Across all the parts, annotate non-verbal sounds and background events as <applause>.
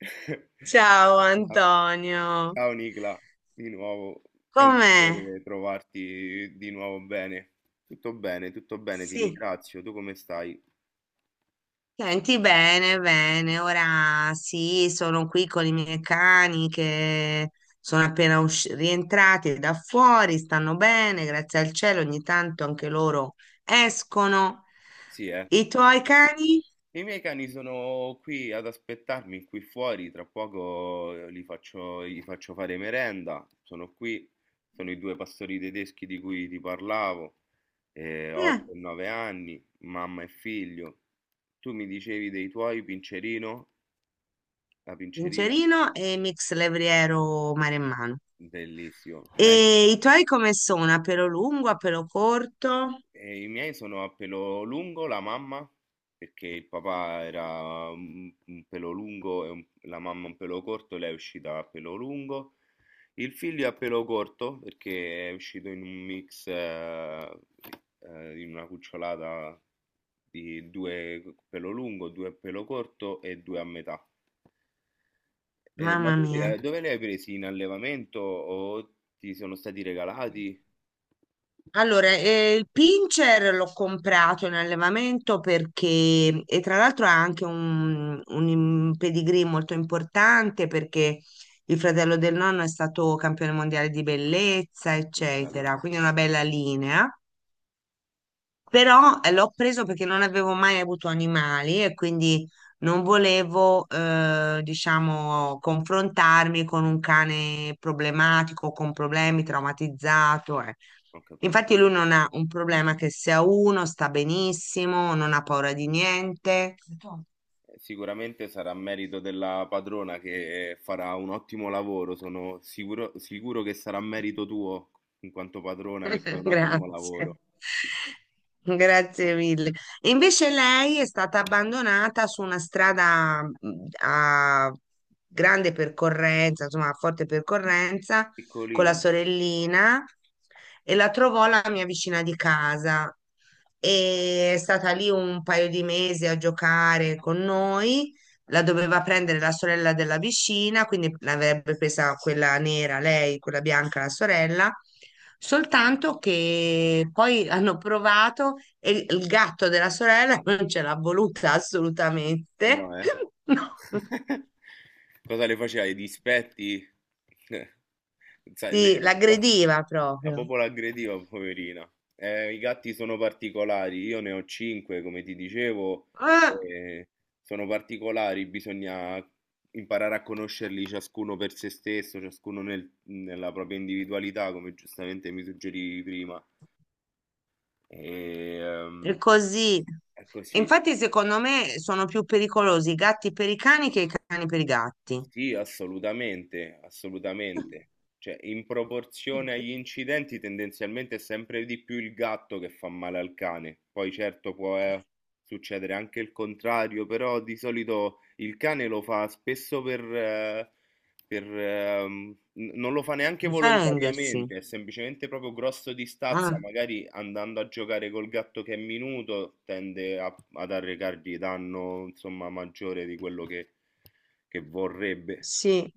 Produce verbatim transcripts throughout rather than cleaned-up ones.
<laughs> Ciao Antonio, Ciao Nicla, di nuovo, è un com'è? piacere trovarti di nuovo bene. Tutto bene, tutto bene, ti Sì, ringrazio. Tu come stai? senti bene, bene. Ora sì, sono qui con i miei cani che sono appena usci- rientrati da fuori, stanno bene, grazie al cielo, ogni tanto anche loro escono. Sì, eh. I tuoi cani? I miei cani sono qui ad aspettarmi qui fuori, tra poco eh, li faccio, gli faccio fare merenda. Sono qui, sono i due pastori tedeschi di cui ti parlavo, Eh, otto e nove anni, mamma e figlio. Tu mi dicevi dei tuoi, Pincerino, la Pincerina? Vincerino e Mix Levriero Maremmano. Bellissimo. Ma è- E i tuoi come sono? A pelo lungo, a pelo corto? E i miei sono a pelo lungo, la mamma, perché il papà era un, un pelo lungo e un- la mamma un pelo corto, lei è uscita a pelo lungo. Il figlio è a pelo corto perché è uscito in un mix, eh, eh, in una cucciolata di due pelo lungo, due pelo corto e due a metà. Eh, ma Mamma tu li mia. hai- dove li hai presi? In allevamento o ti sono stati regalati? Allora, eh, il pincher l'ho comprato in allevamento perché, e tra l'altro ha anche un, un im- pedigree molto importante perché il fratello del nonno è stato campione mondiale di bellezza, Che Bello, eccetera, quindi è una bella linea. Però eh, l'ho preso perché non avevo mai avuto animali e quindi non volevo, eh, diciamo, confrontarmi con un cane problematico, con problemi, traumatizzato. eh. ho capito. Infatti lui non ha un problema che se ha uno sta benissimo, non ha paura di niente. Sicuramente sarà merito della padrona che farà un ottimo lavoro, sono sicuro, sicuro che sarà merito tuo in quanto padrona che fai <laughs> un ottimo Grazie. lavoro. Grazie mille. E invece lei è stata abbandonata su una strada mh, a grande percorrenza, insomma, a forte percorrenza, con la Piccolino, sorellina e la trovò la mia vicina di casa. E è stata lì un paio di mesi a giocare con noi. La doveva prendere la sorella della vicina, quindi l'avrebbe presa quella nera lei, quella bianca la sorella, soltanto che poi hanno provato e il gatto della sorella <laughs> non ce l'ha voluta assolutamente, no, eh? <laughs> no. <laughs> Cosa le faceva? I dispetti? <laughs> sai, le- Sì, la, l'aggrediva la proprio. popola aggrediva, poverina. Eh, i gatti sono particolari, io ne ho cinque, come ti dicevo, Ah, eh, sono particolari, bisogna imparare a conoscerli ciascuno per se stesso, ciascuno nel- nella propria individualità, come giustamente mi suggerivi prima. E, è ehm, così. è così. Infatti, secondo me sono più pericolosi i gatti per i cani che i cani per i gatti. Sì, assolutamente, assolutamente. Cioè, in proporzione agli <laughs> incidenti, tendenzialmente è sempre di più il gatto che fa male al cane. Poi certo può eh, succedere anche il contrario, però di solito il cane lo fa spesso per, eh, per, ehm, n- non lo fa neanche Difendersi. volontariamente, è semplicemente proprio grosso di stazza, Ah, magari andando a giocare col gatto che è minuto, tende a- ad arrecargli danno, insomma, maggiore di quello che che vorrebbe. sì.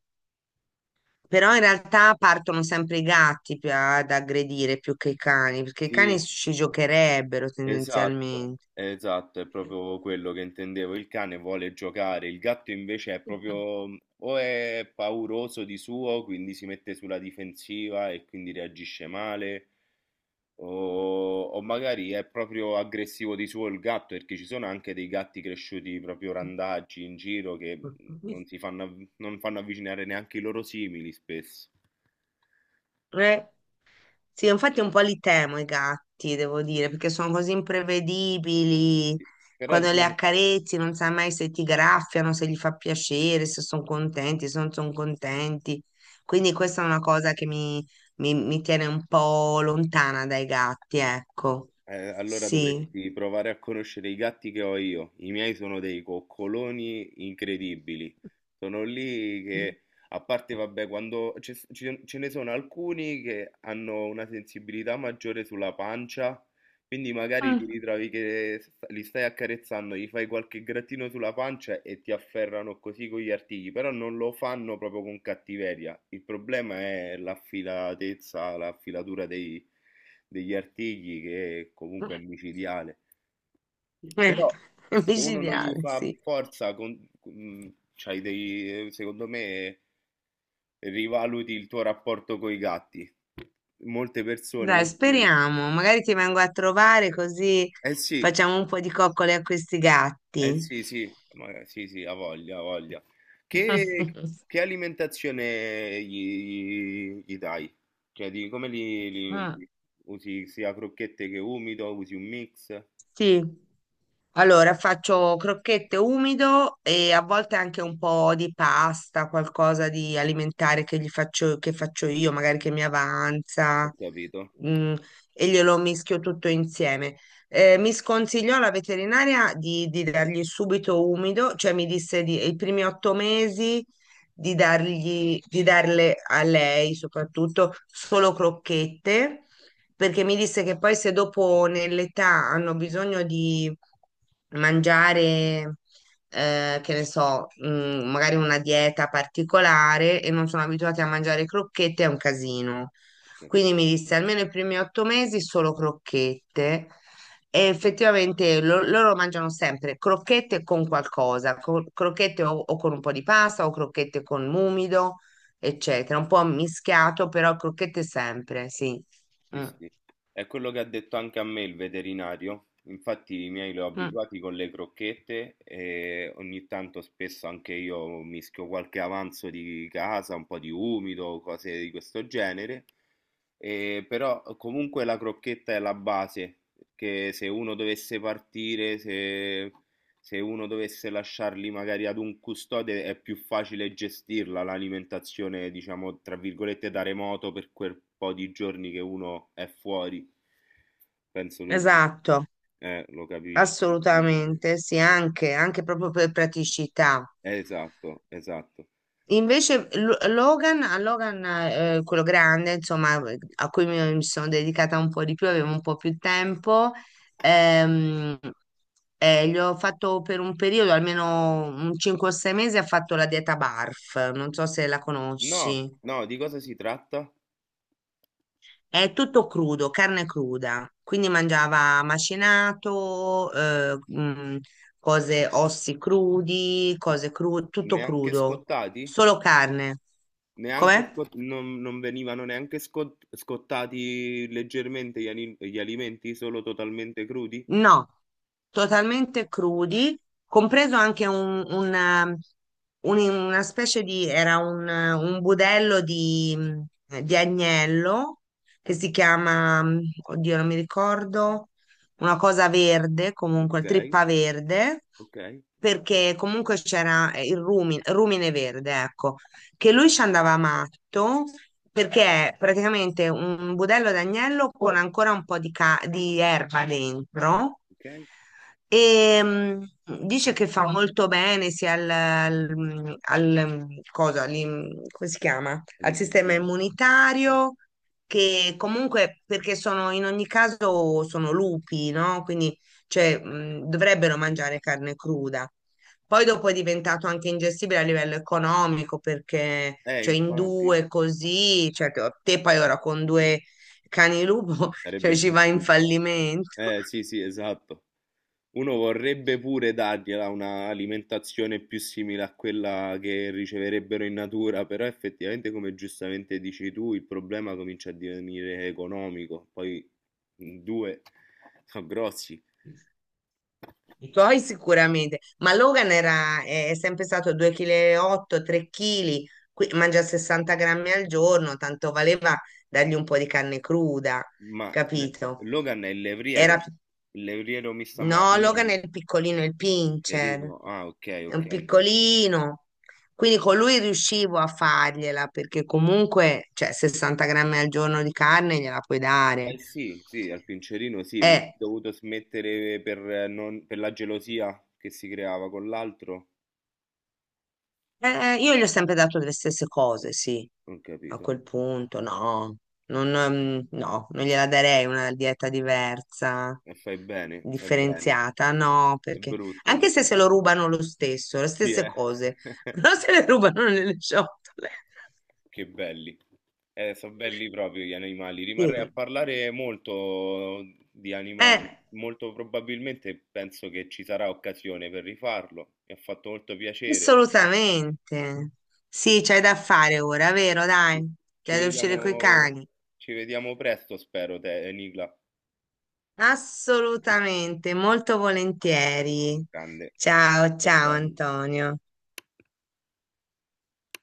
Però in realtà partono sempre i gatti più a- ad aggredire più che i cani, perché i cani Sì, ci giocherebbero esatto, tendenzialmente. esatto, è proprio quello che intendevo. Il cane vuole giocare, il gatto invece è proprio o è pauroso di suo, quindi si mette sulla difensiva e quindi reagisce male, o, o magari è proprio aggressivo di suo il gatto, perché ci sono anche dei gatti cresciuti proprio randaggi in giro che non si fanno, av- non fanno avvicinare neanche i loro simili spesso. Eh, sì, infatti un po' li temo i gatti, devo dire, perché sono così imprevedibili. Però Quando le diciamo. accarezzi non sai mai se ti graffiano, se gli fa piacere, se sono contenti, se non sono contenti. Quindi questa è una cosa che mi, mi- mi tiene un po' lontana dai gatti, ecco. Eh, allora Sì. dovresti provare a conoscere i gatti che ho io. I miei sono dei coccoloni incredibili. Sono lì che, a parte, vabbè, quando ce, ce- ce ne sono alcuni che hanno una sensibilità maggiore sulla pancia, quindi magari ti ritrovi che sta- li stai accarezzando, gli fai qualche grattino sulla pancia e ti afferrano così con gli artigli, però non lo fanno proprio con cattiveria. Il problema è l'affilatezza, la filatura dei degli artigli che comunque è micidiale. Eh, Però È <laughs> se uno non gli micidiale, fa sì. forza, con, mm, c'hai dei, secondo me rivaluti il tuo rapporto con i gatti. Molte persone, Dai, molti- speriamo. Magari ti vengo a trovare così eh sì, facciamo un po' di coccole a questi eh gatti. sì, sì, ma sì, sì, ha voglia, ha voglia. Che, <laughs> che alimentazione gli, gli- gli dai? Cioè, di, come li, li Mm, usi? Usi sia crocchette che umido? Usi un mix? sì. Allora, faccio crocchette umido e a volte anche un po' di pasta, qualcosa di alimentare che gli faccio, che faccio io, magari che mi Ho avanza, capito, mm, e glielo mischio tutto insieme. Eh, mi sconsigliò la veterinaria di, di dargli subito umido, cioè mi disse di, i primi otto mesi di dargli, di darle a lei soprattutto solo crocchette perché mi disse che poi se dopo nell'età hanno bisogno di mangiare, eh, che ne so, mm, magari una dieta particolare e non sono abituati a mangiare crocchette, è un casino. ho capito. Quindi mi disse almeno i primi otto mesi solo crocchette. E effettivamente lo- loro mangiano sempre crocchette con qualcosa, co- crocchette o, o con un po' di pasta o crocchette con l'umido, eccetera. Un po' mischiato, però crocchette sempre, sì. Sì, Mm. sì. È quello che ha detto anche a me il veterinario. Infatti i miei li ho Mm. abituati con le crocchette e ogni tanto spesso anche io mischio qualche avanzo di casa, un po' di umido, cose di questo genere. E però comunque la crocchetta è la base, perché se uno dovesse partire, se se uno dovesse lasciarli magari ad un custode è più facile gestirla l'alimentazione, diciamo, tra virgolette, da remoto per quel po' di giorni che uno è fuori. Penso tu, Esatto, eh, lo capisci meglio di me. assolutamente, sì, anche, anche proprio per praticità. Esatto, esatto. Invece Lo- Logan, a Logan, eh, quello grande, insomma, a cui mi, mi sono dedicata un po' di più, avevo un po' più tempo, ehm, eh, gli ho fatto per un periodo, almeno un cinque o sei mesi, ha fatto la dieta BARF, non so se la No, conosci. no, di cosa si tratta? È tutto crudo, carne cruda, quindi mangiava macinato, eh, mm, cose, ossi crudi, cose crude, tutto Neanche crudo, scottati? solo carne. Neanche Com'è? scot- non, non venivano neanche scot- scottati leggermente gli, ani- gli alimenti, solo totalmente crudi? No, totalmente crudi, compreso anche un, un, eh, un- una specie di, era un, eh, un budello di, mm, di agnello che si chiama, mm, oddio, non mi ricordo, una cosa verde, comunque, Ok, trippa verde, ok, perché comunque c'era eh, il rumi- rumine verde, ecco, che lui ci andava matto perché è praticamente un budello d'agnello con ancora un po' di, ca- di erba dentro ok. e mm, dice che fa molto bene sia al, al- al- mm, cosa, all'im- come si chiama? Al Eh, sistema immunitario che comunque perché sono in ogni caso sono lupi, no? Quindi cioè, mm, dovrebbero mangiare carne cruda. Poi dopo è diventato anche ingestibile a livello economico perché, eh, cioè, in infatti, due così, cioè, te te poi ora con due cani lupo, <laughs> sarebbe cioè, ci va in impossibile. fallimento. Eh, sì, sì, esatto. Uno vorrebbe pure dargliela una alimentazione più simile a quella che riceverebbero in natura, però effettivamente, come giustamente dici tu, il problema comincia a divenire economico. Poi in due sono grossi. I tuoi sicuramente, ma Logan era, è sempre stato due virgola otto kg, tre chili, mangia sessanta grammi al giorno, tanto valeva dargli un po' di carne cruda, Ma eh, capito? Logan è il Era levriero, più il levriero mi sta male. No, Logan è il piccolino, è il pincher, Cerino, ah, ok, è un ok. piccolino. Quindi con lui riuscivo a fargliela perché comunque, cioè, sessanta grammi al giorno di carne gliela puoi dare. Eh sì, sì, al Pincerino sì, ma ho Eh, dovuto smettere per, eh, non- per la gelosia che si creava con l'altro. Eh, io gli ho sempre dato le stesse cose, sì. Non A capito. quel punto, no, non, ehm, no, non gliela darei una dieta diversa, E fai bene, fai bene. differenziata, no, È perché brutto. Tu. anche se se lo rubano lo stesso, le Sì, stesse eh. cose, <laughs> <laughs> però se le rubano nelle ciotole. Che belli. Eh, sono belli proprio gli animali. Rimarrei a Sì. parlare molto di animali. Eh, Molto probabilmente penso che ci sarà occasione per rifarlo. Mi ha fatto molto piacere. Assolutamente. Sì, c'hai da fare ora, vero? Dai, Ci c'hai da uscire coi vediamo, cani. ci vediamo presto, spero, te, Nicla. Assolutamente, molto volentieri. Grande. Ciao, ciao Atomico Antonio.